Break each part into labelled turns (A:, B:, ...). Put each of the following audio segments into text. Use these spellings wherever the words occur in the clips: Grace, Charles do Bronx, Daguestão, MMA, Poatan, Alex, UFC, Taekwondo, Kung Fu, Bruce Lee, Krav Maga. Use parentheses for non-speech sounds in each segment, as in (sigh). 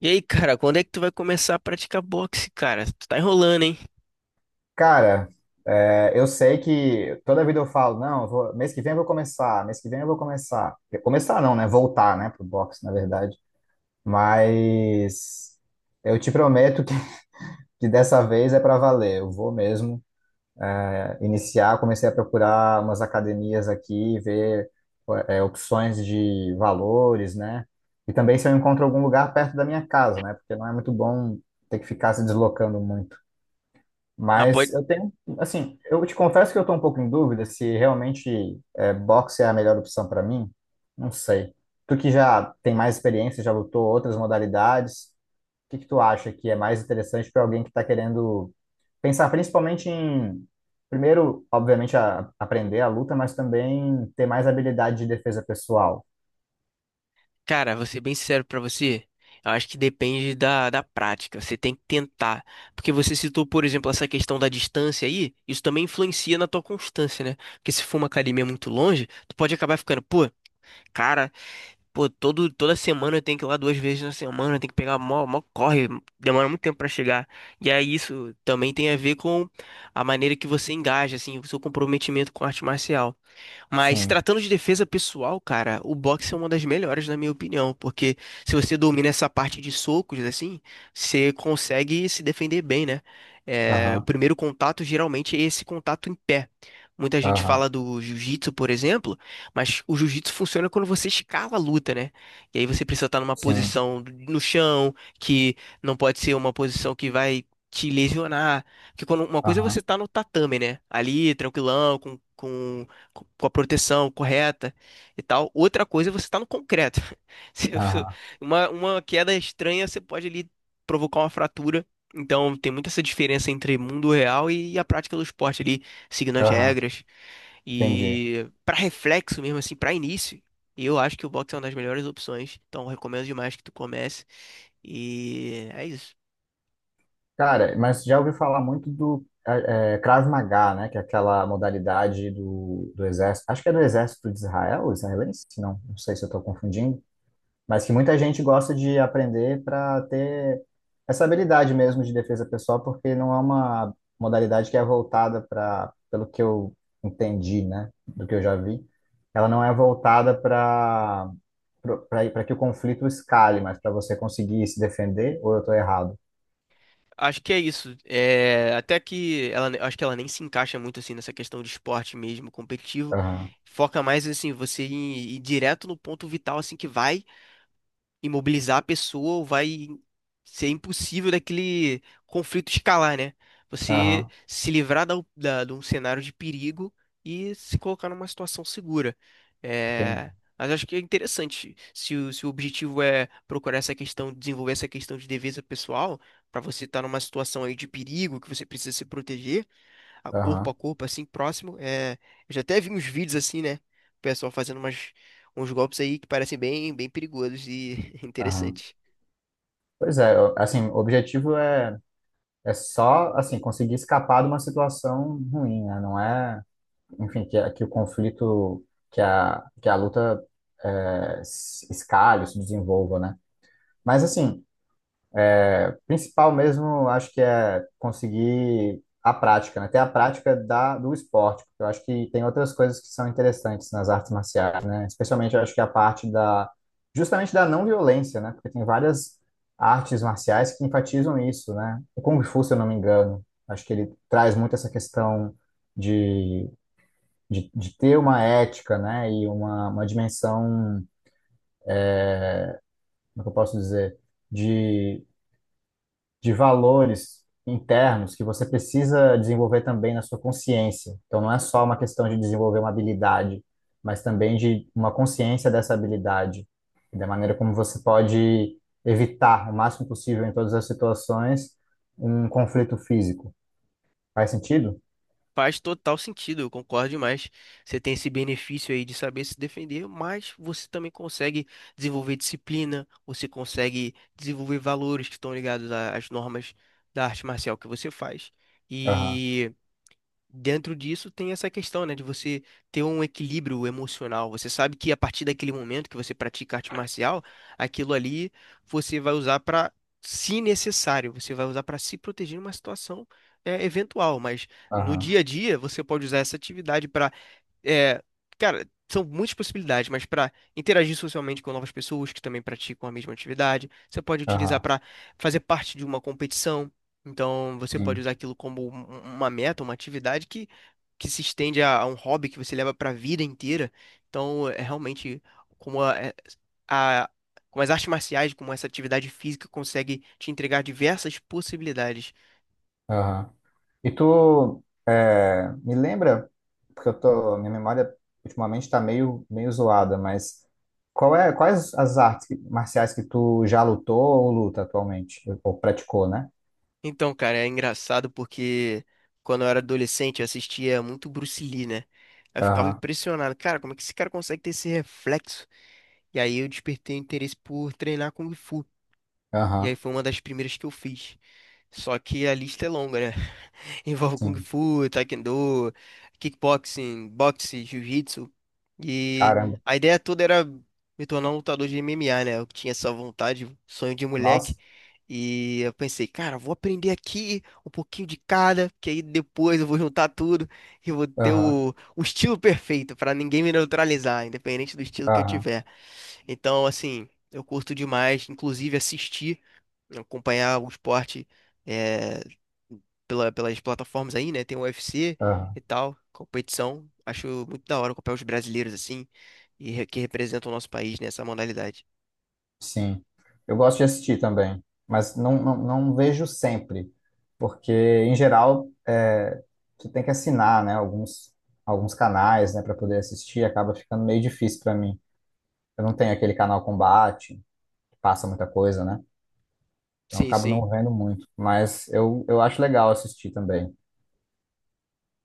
A: E aí, cara, quando é que tu vai começar a praticar boxe, cara? Tu tá enrolando, hein?
B: Cara, eu sei que toda vida eu falo, não, mês que vem eu vou começar, mês que vem eu vou começar. Começar não, né? Voltar, né, pro boxe, na verdade. Mas eu te prometo que, (laughs) que dessa vez é para valer. Eu vou mesmo iniciar. Comecei a procurar umas academias aqui, ver opções de valores, né? E também se eu encontro algum lugar perto da minha casa, né? Porque não é muito bom ter que ficar se deslocando muito.
A: Ah,
B: Mas
A: pode...
B: eu tenho, assim, eu te confesso que eu estou um pouco em dúvida se realmente boxe é a melhor opção para mim. Não sei. Tu que já tem mais experiência, já lutou outras modalidades, o que que tu acha que é mais interessante para alguém que está querendo pensar principalmente em, primeiro, obviamente, aprender a luta, mas também ter mais habilidade de defesa pessoal?
A: Cara, vou ser bem sincero pra você. Eu acho que depende da prática. Você tem que tentar. Porque você citou, por exemplo, essa questão da distância aí. Isso também influencia na tua constância, né? Porque se for uma academia muito longe, tu pode acabar ficando, pô, cara, pô, toda semana eu tenho que ir lá duas vezes na semana, eu tenho que pegar mó corre, demora muito tempo pra chegar. E aí isso também tem a ver com a maneira que você engaja, assim, o seu comprometimento com a arte marcial. Mas
B: Sim,
A: tratando de defesa pessoal, cara, o boxe é uma das melhores, na minha opinião, porque se você domina essa parte de socos, assim, você consegue se defender bem, né? É, o
B: aham,
A: primeiro contato geralmente é esse contato em pé. Muita gente
B: aham,
A: fala do jiu-jitsu, por exemplo, mas o jiu-jitsu funciona quando você escala a luta, né? E aí você precisa estar numa
B: sim,
A: posição no chão, que não pode ser uma posição que vai te lesionar. Porque quando uma coisa é você
B: aham,
A: estar no tatame, né? Ali, tranquilão, com a proteção correta e tal. Outra coisa é você estar no concreto. (laughs) Se- se-
B: aham,
A: uma queda estranha, você pode ali provocar uma fratura. Então, tem muita essa diferença entre mundo real e a prática do esporte ali, seguindo as
B: aham,
A: regras.
B: entendi.
A: E para reflexo mesmo, assim, para início, eu acho que o boxe é uma das melhores opções. Então, recomendo demais que tu comece. E é isso.
B: Cara, mas já ouvi falar muito do Krav Maga, né? Que é aquela modalidade do exército. Acho que é do exército de Israel, israelense? Não, não sei se eu estou confundindo. Mas que muita gente gosta de aprender para ter essa habilidade mesmo de defesa pessoal, porque não é uma modalidade que é voltada para, pelo que eu entendi, né? Do que eu já vi, ela não é voltada para que o conflito escale, mas para você conseguir se defender, ou eu estou errado?
A: Acho que é isso. É, até que ela, acho que ela nem se encaixa muito assim nessa questão de esporte mesmo competitivo.
B: Aham,
A: Foca mais assim, você ir direto no ponto vital assim que vai imobilizar a pessoa ou vai ser impossível daquele conflito escalar, né? Você
B: aham.
A: se livrar de um cenário de perigo e se colocar numa situação segura.
B: Entendi.
A: É, mas acho que é interessante. Se se o objetivo é procurar essa questão, desenvolver essa questão de defesa pessoal, para você estar numa situação aí de perigo que você precisa se proteger a
B: Aham,
A: corpo, assim, próximo. É, eu já até vi uns vídeos assim, né? O pessoal fazendo uns golpes aí que parecem bem perigosos e (laughs)
B: aham.
A: interessantes.
B: Pois é, assim, o objetivo é só, assim, conseguir escapar de uma situação ruim, né? Não é, enfim, que o conflito, que a luta se escalhe, se desenvolva, né? Mas, assim, principal mesmo, acho que é conseguir a prática, né? Ter a prática da, do esporte, porque eu acho que tem outras coisas que são interessantes nas artes marciais, né? Especialmente eu acho que a parte da, justamente da não violência, né? Porque tem várias artes marciais que enfatizam isso, né? O Kung Fu, se eu não me engano, acho que ele traz muito essa questão de, de ter uma ética, né? E uma dimensão, como é que eu posso dizer? De valores internos que você precisa desenvolver também na sua consciência. Então, não é só uma questão de desenvolver uma habilidade, mas também de uma consciência dessa habilidade, e da maneira como você pode evitar o máximo possível em todas as situações um conflito físico. Faz sentido?
A: Faz total sentido, eu concordo demais. Você tem esse benefício aí de saber se defender, mas você também consegue desenvolver disciplina, você consegue desenvolver valores que estão ligados a- às normas da arte marcial que você faz.
B: Aham,
A: E dentro disso tem essa questão, né, de você ter um equilíbrio emocional. Você sabe que a partir daquele momento que você pratica arte marcial, aquilo ali você vai usar para, se necessário, você vai usar para se proteger em uma situação eventual. Mas no
B: aham,
A: dia a dia você pode usar essa atividade para é, cara, são muitas possibilidades, mas para interagir socialmente com novas pessoas que também praticam a mesma atividade, você pode utilizar
B: aham,
A: para fazer parte de uma competição. Então, você pode
B: sim,
A: usar aquilo como uma meta, uma atividade que se estende a um hobby que você leva para a vida inteira. Então, é realmente como a, é- a- como as artes marciais, como essa atividade física consegue te entregar diversas possibilidades.
B: aham. E tu me lembra, porque eu tô, minha memória ultimamente está meio, meio zoada, mas qual é, quais as artes marciais que tu já lutou ou luta atualmente? Ou praticou, né?
A: Então, cara, é engraçado porque quando eu era adolescente eu assistia muito Bruce Lee, né? Aí eu ficava
B: Aham,
A: impressionado, cara, como é que esse cara consegue ter esse reflexo? E aí eu despertei o interesse por treinar Kung Fu. E aí
B: aham,
A: foi uma das primeiras que eu fiz. Só que a lista é longa, né? Envolve Kung
B: sim.
A: Fu, Taekwondo, kickboxing, boxe, jiu-jitsu. E
B: Caramba.
A: a ideia toda era me tornar um lutador de MMA, né? Eu tinha essa vontade, sonho de moleque.
B: Nossa.
A: E eu pensei, cara, vou aprender aqui um pouquinho de cada, que aí depois eu vou juntar tudo e vou ter
B: Aham,
A: o estilo perfeito pra ninguém me neutralizar, independente do estilo que eu
B: aham,
A: tiver. Então, assim, eu curto demais, inclusive assistir, acompanhar o esporte. eh, pelas plataformas aí, né? Tem o UFC
B: aham.
A: e tal, competição. Acho muito da hora acompanhar os brasileiros assim que representam o nosso país nessa modalidade.
B: Sim, eu gosto de assistir também, mas não vejo sempre, porque em geral você tem que assinar, né, alguns canais, né, para poder assistir, acaba ficando meio difícil para mim. Eu não tenho aquele canal Combate, que passa muita coisa, né, então eu
A: Sim,
B: acabo
A: sim.
B: não vendo muito, mas eu acho legal assistir também.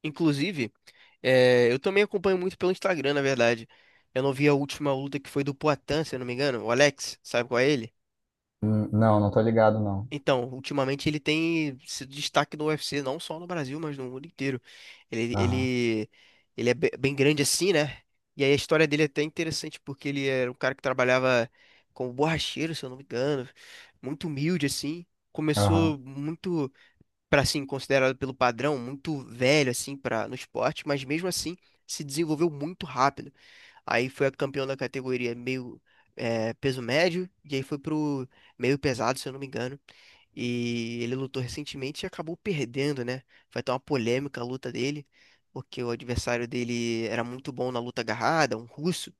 A: Inclusive, eu também acompanho muito pelo Instagram, na verdade. Eu não vi a última luta que foi do Poatan, se eu não me engano. O Alex, sabe qual é ele?
B: Hum. Não, não tô ligado, não.
A: Então, ultimamente ele tem sido destaque no UFC, não só no Brasil, mas no mundo inteiro. Ele,
B: Aham,
A: ele, ele é bem grande assim, né? E aí a história dele é até interessante, porque ele era um cara que trabalhava como borracheiro, se eu não me engano, muito humilde assim.
B: aham,
A: Começou muito para assim considerado pelo padrão muito velho assim para no esporte, mas mesmo assim se desenvolveu muito rápido. Aí foi a campeão da categoria meio peso médio e aí foi pro meio pesado, se eu não me engano. E ele lutou recentemente e acabou perdendo, né? Vai ter uma polêmica a luta dele, porque o adversário dele era muito bom na luta agarrada, um russo.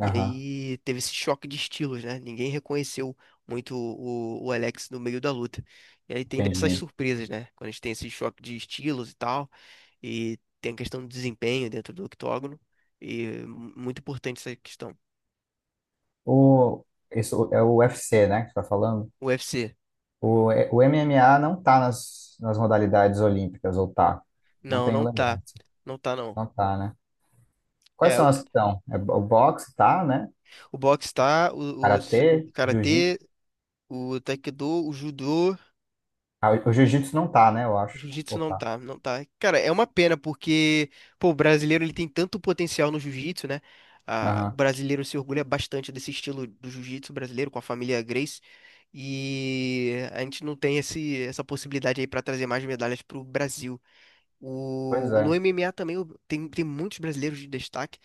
A: E aí teve esse choque de estilos, né? Ninguém reconheceu muito o Alex no meio da luta. E aí tem dessas
B: entendi.
A: surpresas, né? Quando a gente tem esse choque de estilos e tal, e tem a questão do desempenho dentro do octógono, e muito importante essa questão.
B: O, isso é o UFC, né, que você tá falando?
A: O UFC,
B: O MMA não tá nas modalidades olímpicas, ou tá? Não tenho
A: não tá.
B: lembrado.
A: Não tá, não.
B: Não tá, né? Quais
A: É,
B: são as que estão? É, o boxe tá, né?
A: o boxe tá, o
B: Karatê,
A: s-
B: jiu-jitsu.
A: karatê, o taekwondo, o judô.
B: Ah, o jiu-jitsu não tá, né? Eu acho.
A: Jiu-jitsu
B: Ou tá.
A: não tá. Cara, é uma pena porque, pô, o brasileiro ele tem tanto potencial no jiu-jitsu, né? Ah, o
B: Aham.
A: brasileiro se orgulha bastante desse estilo do jiu-jitsu brasileiro com a família Grace e a gente não tem essa possibilidade aí pra trazer mais medalhas pro Brasil.
B: Pois
A: No
B: é.
A: MMA também tem muitos brasileiros de destaque,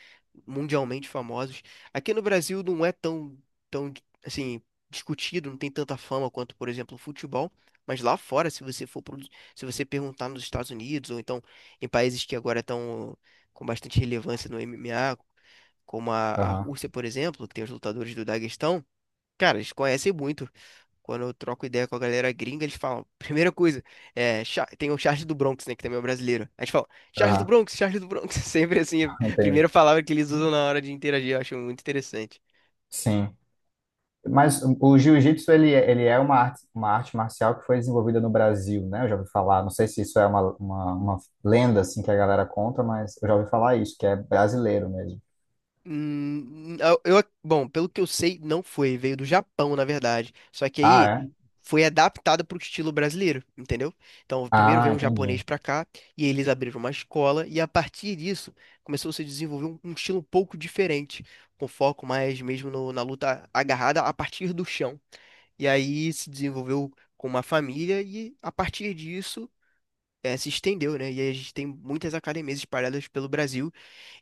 A: mundialmente famosos. Aqui no Brasil não é tão, assim, discutido, não tem tanta fama quanto, por exemplo, o futebol. Mas lá fora, se você for, se você perguntar nos Estados Unidos, ou então em países que agora estão com bastante relevância no MMA, como a
B: Aham.
A: Rússia, por exemplo, que tem os lutadores do Daguestão. Cara, eles conhecem muito. Quando eu troco ideia com a galera gringa, eles falam, (laughs) primeira coisa, é, tem o Charles do Bronx, né, que também é um brasileiro. A gente fala,
B: Aham.
A: Charles do Bronx, (laughs) sempre assim, é
B: (laughs)
A: a
B: Entendi.
A: primeira palavra que eles usam na hora de interagir, eu acho muito interessante.
B: Sim. Mas o jiu-jitsu, ele é uma arte marcial que foi desenvolvida no Brasil, né? Eu já ouvi falar. Não sei se isso é uma lenda, assim, que a galera conta, mas eu já ouvi falar isso, que é brasileiro mesmo.
A: Hum, eu, eu pelo que eu sei, não foi. Veio do Japão, na verdade. Só que
B: Ah,
A: aí
B: é?
A: foi adaptada para o estilo brasileiro, entendeu? Então, primeiro
B: Ah,
A: veio um
B: entendi.
A: japonês para cá e eles abriram uma escola e a partir disso começou a se desenvolver um estilo um pouco diferente, com foco mais mesmo na luta agarrada a partir do chão. E aí se desenvolveu com uma família e a partir disso se estendeu, né? E aí a gente tem muitas academias espalhadas pelo Brasil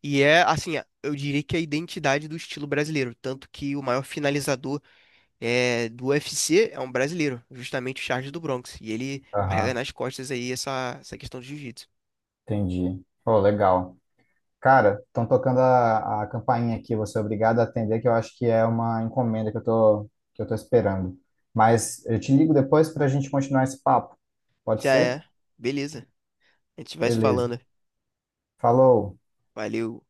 A: e é, assim, eu diria que é a identidade do estilo brasileiro. Tanto que o maior finalizador do UFC é um brasileiro, justamente o Charles do Bronx. E ele carrega
B: Aham,
A: nas costas aí essa questão de jiu-jitsu.
B: entendi. Oh, legal. Cara, estão tocando a campainha aqui, você é obrigado a atender, que eu acho que é uma encomenda que eu tô esperando. Mas eu te ligo depois para a gente continuar esse papo. Pode
A: Já
B: ser?
A: é. Beleza. A gente vai se
B: Beleza.
A: falando.
B: Falou.
A: Valeu.